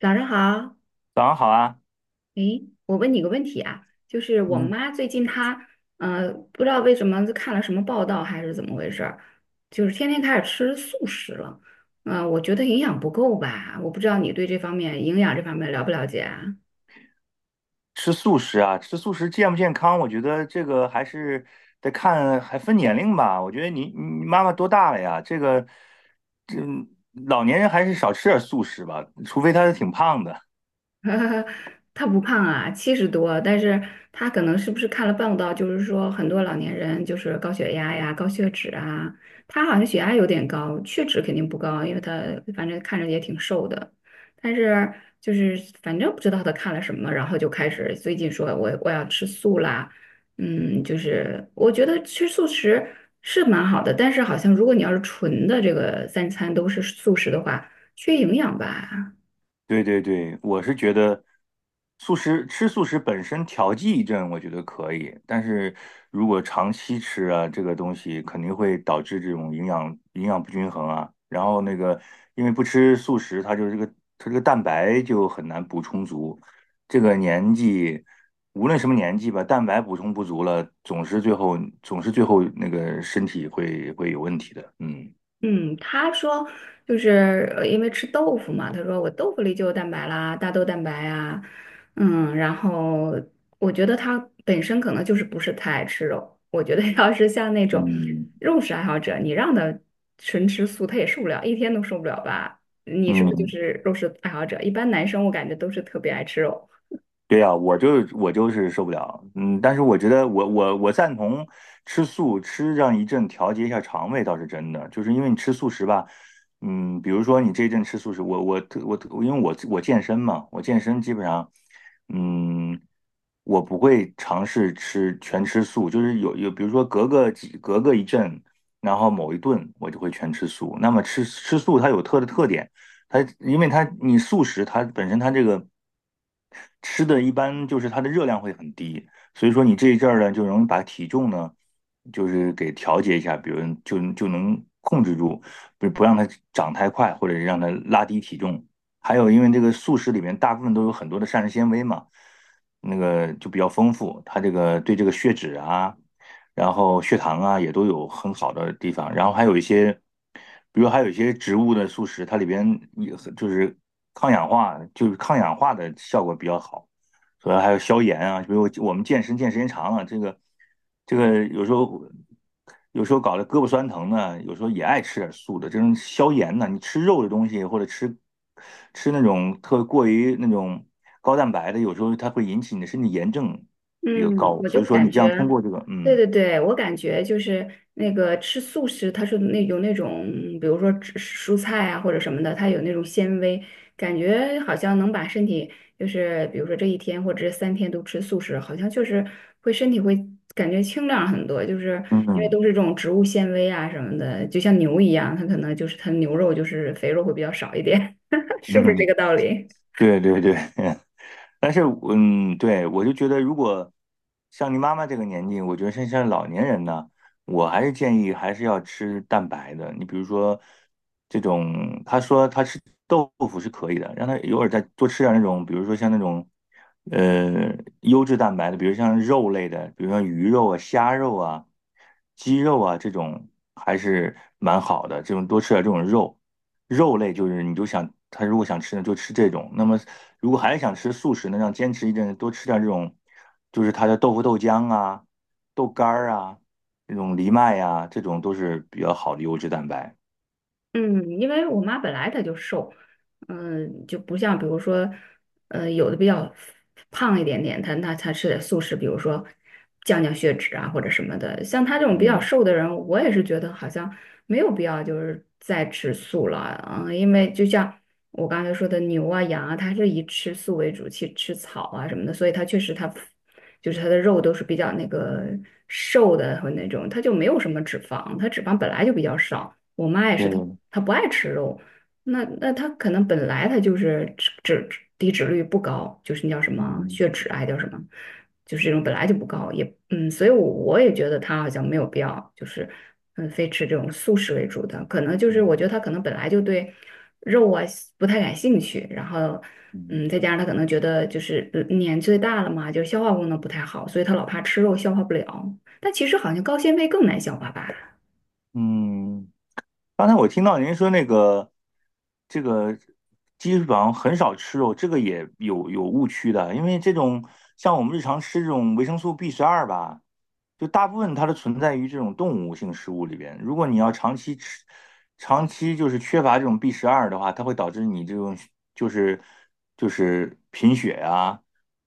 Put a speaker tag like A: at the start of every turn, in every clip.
A: 早上好，
B: 早上好啊，
A: 诶，我问你个问题啊，就是我
B: 嗯，
A: 妈最近她，不知道为什么就看了什么报道还是怎么回事儿，就是天天开始吃素食了，嗯、我觉得营养不够吧，我不知道你对这方面这方面了不了解啊？
B: 吃素食啊，吃素食健不健康？我觉得这个还是得看，还分年龄吧。我觉得你妈妈多大了呀？这老年人还是少吃点素食吧，除非她是挺胖的。
A: 他不胖啊，七十多，但是他可能是不是看了报道，就是说很多老年人就是高血压呀、高血脂啊，他好像血压有点高，血脂肯定不高，因为他反正看着也挺瘦的，但是就是反正不知道他看了什么，然后就开始最近说我要吃素啦。嗯，就是我觉得吃素食是蛮好的，但是好像如果你要是纯的这个三餐都是素食的话，缺营养吧。
B: 对对对，我是觉得吃素食本身调剂一阵，我觉得可以。但是如果长期吃啊，这个东西肯定会导致这种营养不均衡啊。然后那个，因为不吃素食，它就是这个它这个蛋白就很难补充足。这个年纪，无论什么年纪吧，蛋白补充不足了，总是最后那个身体会有问题的。嗯
A: 嗯，他说因为吃豆腐嘛，他说我豆腐里就有蛋白啦，大豆蛋白啊。嗯，然后我觉得他本身可能就是不是太爱吃肉，我觉得 要是像那种
B: 嗯，
A: 肉食爱好者，你让他纯吃素，他也受不了，一天都受不了吧？你是不是就
B: 嗯，
A: 是肉食爱好者？一般男生我感觉都是特别爱吃肉。
B: 对呀，我就是受不了，嗯，但是我觉得我赞同吃素，吃上一阵调节一下肠胃倒是真的，就是因为你吃素食吧，嗯，比如说你这一阵吃素食，我因为我健身嘛，我健身基本上，嗯，我不会尝试吃全吃素，就是比如说隔个一阵，然后某一顿我就会全吃素。那么吃素它有特点，它因为它你素食它本身它这个吃的一般就是它的热量会很低，所以说你这一阵儿呢，就容易把体重呢，就是给调节一下，比如就能控制住，不让它长太快，或者是让它拉低体重。还有，因为这个素食里面大部分都有很多的膳食纤维嘛，那个就比较丰富，它这个对这个血脂啊，然后血糖啊也都有很好的地方，然后还有一些，比如还有一些植物的素食，它里边也就是抗氧化，就是抗氧化的效果比较好，主要还有消炎啊，比如我们健身时间长了，这个有时候搞得胳膊酸疼呢，有时候也爱吃点素的，这种消炎呢，你吃肉的东西或者吃那种过于那种高蛋白的，有时候它会引起你的身体炎症比较
A: 嗯，
B: 高，
A: 我
B: 所
A: 就
B: 以说
A: 感
B: 你这样
A: 觉，
B: 通过这个
A: 对
B: 嗯。
A: 对对，我感觉就是那个吃素食，它是那有那种，比如说吃蔬菜啊或者什么的，它有那种纤维，感觉好像能把身体，就是比如说这一天或者这三天都吃素食，好像就是会身体会感觉清亮很多，就是
B: 嗯
A: 因为
B: 嗯，
A: 都是这种植物纤维啊什么的，就像牛一样，它可能就是它牛肉就是肥肉会比较少一点，是不是这
B: 嗯
A: 个道理？
B: 对对对，但是对，我就觉得，如果像你妈妈这个年纪，我觉得像老年人呢，我还是建议还是要吃蛋白的。你比如说这种，他说他吃豆腐是可以的，让他偶尔再多吃点那种，比如说像那种呃优质蛋白的，比如像肉类的，比如像鱼肉啊、虾肉啊、鸡肉啊这种，还是蛮好的。这种多吃点这种肉。肉类就是你就想他如果想吃呢就吃这种，那么如果还是想吃素食呢，让坚持一阵多吃点这种，就是他的豆腐、豆浆啊、豆干儿啊、这种藜麦啊，这种都是比较好的优质蛋白。
A: 嗯，因为我妈本来她就瘦，嗯，就不像比如说，呃，有的比较胖一点点，她那她吃点素食，比如说降血脂啊或者什么的。像她这种比较
B: 嗯，
A: 瘦的人，我也是觉得好像没有必要就是再吃素了啊。嗯，因为就像我刚才说的牛啊羊啊，它是以吃素为主，去吃草啊什么的，所以它确实它就是它的肉都是比较那个瘦的和那种，它就没有什么脂肪，它脂肪本来就比较少。我妈也是，
B: 对，
A: 她她不爱吃肉，那那她可能本来她就是低脂率不高，就是那叫什么
B: 嗯
A: 血脂啊，还叫什么，就是这种本来就不高，也嗯，所以我也觉得她好像没有必要，就是嗯，非吃这种素食为主的，可能就是我觉
B: 嗯
A: 得她可能本来就对肉啊不太感兴趣，然后
B: 嗯
A: 嗯，再加上她可能觉得就是年岁大了嘛，就是消化功能不太好，所以她老怕吃肉消化不了，但其实好像高纤维更难消化吧。
B: 嗯。刚才我听到您说那个这个基本上很少吃肉，这个也有误区的，因为这种像我们日常吃这种维生素 B 十二吧。就大部分它的存在于这种动物性食物里边。如果你要长期吃，长期就是缺乏这种 B 十二的话，它会导致你这种就是就是贫血呀、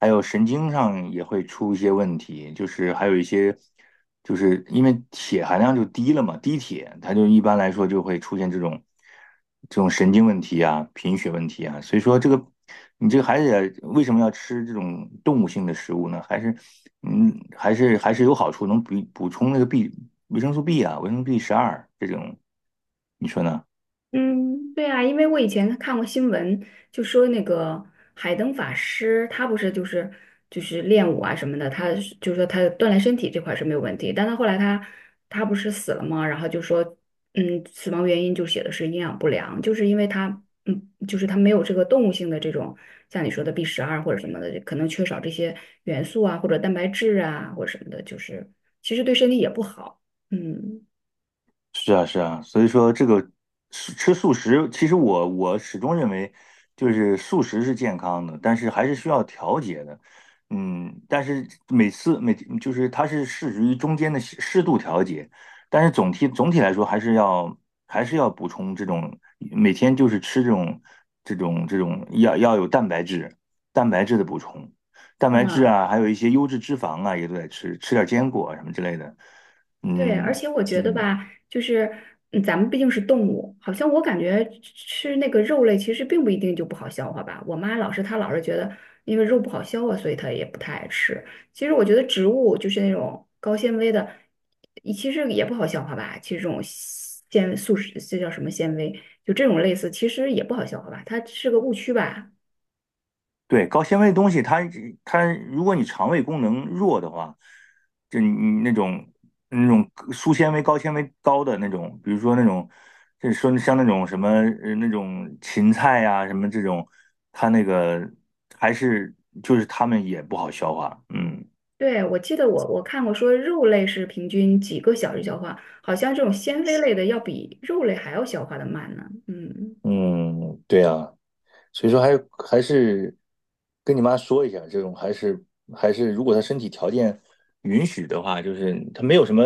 B: 还有神经上也会出一些问题，就是还有一些，就是因为铁含量就低了嘛，低铁它就一般来说就会出现这种神经问题啊、贫血问题啊，所以说这个你这个孩子也为什么要吃这种动物性的食物呢？还是嗯，还是还是有好处，能补充那个 维生素 B 啊、维生素 B 十二这种，你说呢？
A: 嗯，对啊，因为我以前看过新闻，就说那个海灯法师，他不是就是就是练武啊什么的，他是就是说他锻炼身体这块是没有问题，但他后来他不是死了吗？然后就说，嗯，死亡原因就写的是营养不良，就是因为他，嗯，就是他没有这个动物性的这种像你说的 B 十二或者什么的，可能缺少这些元素啊，或者蛋白质啊，或者什么的，就是其实对身体也不好，嗯。
B: 是啊，是啊，所以说这个吃素食，其实我始终认为，就是素食是健康的，但是还是需要调节的。嗯，但是每次每就是它是适于中间的适度调节，但是总体来说还是要补充这种每天就是吃这种要有蛋白质的补充，蛋白质
A: 嗯，
B: 啊，还有一些优质脂肪啊也都得吃，吃点坚果啊什么之类的。
A: 对，而
B: 嗯
A: 且我觉得
B: 嗯。
A: 吧，就是嗯咱们毕竟是动物，好像我感觉吃那个肉类其实并不一定就不好消化吧。我妈老是她老是觉得，因为肉不好消化，所以她也不太爱吃。其实我觉得植物就是那种高纤维的，也其实也不好消化吧。其实这种纤维素食，这叫什么纤维？就这种类似，其实也不好消化吧。它是个误区吧。
B: 对，高纤维的东西它如果你肠胃功能弱的话，就你那种粗纤维、高纤维高的那种，比如说那种，就是说像那种什么那种芹菜呀、什么这种，它那个还是就是它们也不好消化。嗯
A: 对，我记得我看过说肉类是平均几个小时消化，好像这种纤维类的要比肉类还要消化的慢呢。嗯
B: 嗯，对呀。所以说还是跟你妈说一下，这种还是，如果她身体条件允许的话，就是她没有什么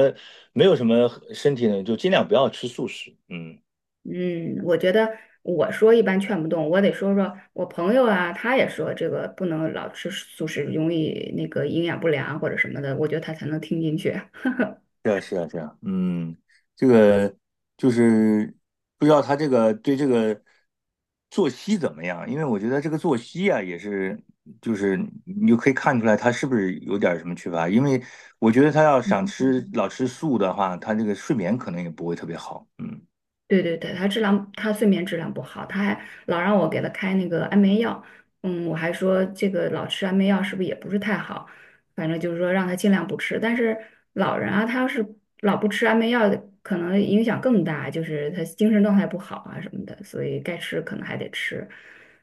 B: 没有什么身体呢，就尽量不要吃素食。嗯，
A: 嗯，我觉得我说一般劝不动，我得说说我朋友啊，他也说这个不能老吃素食，容易那个营养不良或者什么的，我觉得他才能听进去。
B: 是啊，是啊，是啊，嗯，这个就是不知道她这个对这个作息怎么样，因为我觉得这个作息啊也是。就是你就可以看出来她是不是有点什么缺乏，因为我觉得她要想吃老吃素的话，她这个睡眠可能也不会特别好。嗯。
A: 对对对，他质量，他睡眠质量不好，他还老让我给他开那个安眠药。嗯，我还说这个老吃安眠药是不是也不是太好，反正就是说让他尽量不吃。但是老人啊，他要是老不吃安眠药，可能影响更大，就是他精神状态不好啊什么的，所以该吃可能还得吃。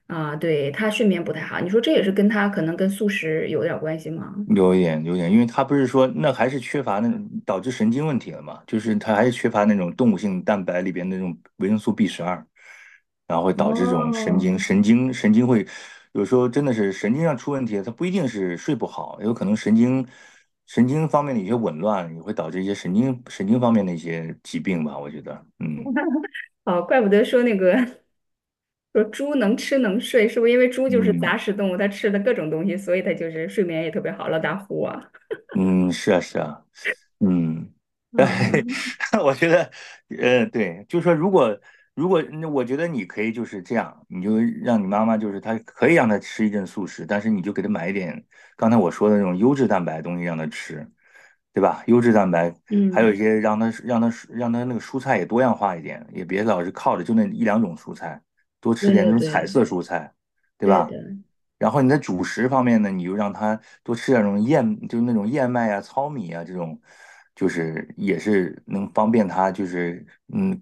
A: 啊，对，他睡眠不太好，你说这也是跟他可能跟素食有点儿关系吗？
B: 有一点，有一点，因为他不是说那还是缺乏那种导致神经问题了嘛，就是他还是缺乏那种动物性蛋白里边的那种维生素 B 十二，然后会导致这种神
A: 哦，
B: 经神经神经会有时候真的是神经上出问题，它不一定是睡不好，有可能神经方面的一些紊乱也会导致一些神经方面的一些疾病吧，我觉得，嗯
A: 哦，怪不得说那个 说猪能吃能睡，是不是因为猪就是杂
B: 嗯
A: 食动物，它吃的各种东西，所以它就是睡眠也特别好，老打呼啊。
B: 嗯，是啊是啊，嗯。
A: 啊，
B: 对，我觉得，对，就是说，如果，那我觉得你可以就是这样，你就让你妈妈，就是她可以让她吃一阵素食，但是你就给她买一点刚才我说的那种优质蛋白的东西让她吃，对吧？优质蛋白，还有一
A: 嗯，
B: 些让她那个蔬菜也多样化一点，也别老是靠着就那一两种蔬菜，多吃
A: 对
B: 点那
A: 对
B: 种彩
A: 对，
B: 色蔬菜，对
A: 对
B: 吧？
A: 的，
B: 然后你在主食方面呢，你就让他多吃点那种就是那种燕麦啊、糙米啊这种，就是也是能方便他，嗯，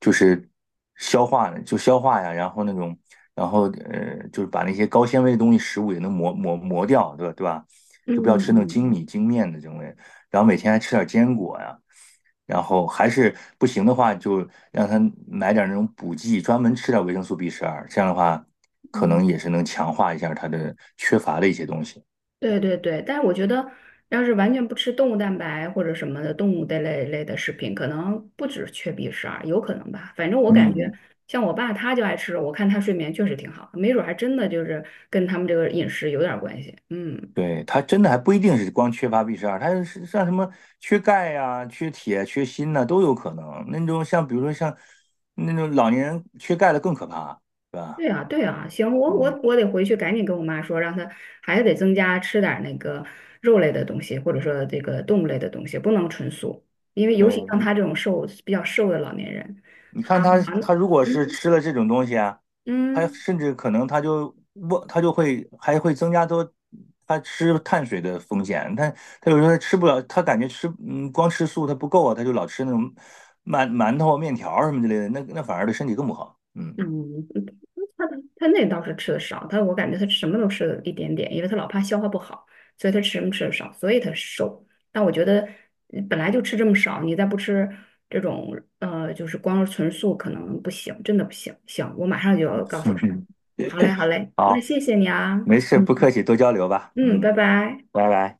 B: 就是消化就消化呀，然后那种，然后就是把那些高纤维的东西食物也能磨掉，对吧？对吧？
A: 嗯
B: 就不要吃那种精
A: 嗯
B: 米精面的这种类，然后每天还吃点坚果呀。然后还是不行的话，就让他买点那种补剂，专门吃点维生素 B 十二，这样的话，可
A: 嗯，
B: 能也是能强化一下他的缺乏的一些东西。
A: 对对对，但是我觉得，要是完全不吃动物蛋白或者什么的动物的类的食品，可能不止缺 B 十二，有可能吧。反正我感觉，
B: 嗯，
A: 像我爸他就爱吃肉，我看他睡眠确实挺好，没准儿还真的就是跟他们这个饮食有点儿关系。嗯。
B: 对，他真的还不一定是光缺乏 B 十二，他是像什么缺钙呀、缺铁、缺锌呐、都有可能。那种像比如说像那种老年人缺钙的更可怕，对吧？
A: 对啊，对啊，行，我
B: 嗯，
A: 我我得回去赶紧跟我妈说，让她还是得增加吃点儿那个肉类的东西，或者说这个动物类的东西，不能纯素，因为尤其像
B: 对，
A: 她这种瘦比较瘦的老年人，
B: 你
A: 好，
B: 看
A: 好，
B: 他，他如果是
A: 嗯
B: 吃了这种东西啊，他
A: 嗯，
B: 甚至可能他就会还会增加多他吃碳水的风险。他有时候他吃不了，他感觉光吃素他不够啊，他就老吃那种馒头、面条儿什么之类的，那反而对身体更不好。嗯，
A: 嗯，他他那倒是吃的少，他我感觉他什么都吃了一点点，因为他老怕消化不好，所以他吃什么吃的少，所以他瘦。但我觉得本来就吃这么少，你再不吃这种就是光是纯素可能不行，真的不行。行，我马上就要告 诉
B: 嗯
A: 他。
B: 哼，
A: 好嘞，好嘞，那
B: 好，
A: 谢谢你啊，
B: 没事，不客
A: 嗯，
B: 气，多交流吧。
A: 嗯，
B: 嗯，
A: 拜拜。
B: 拜拜。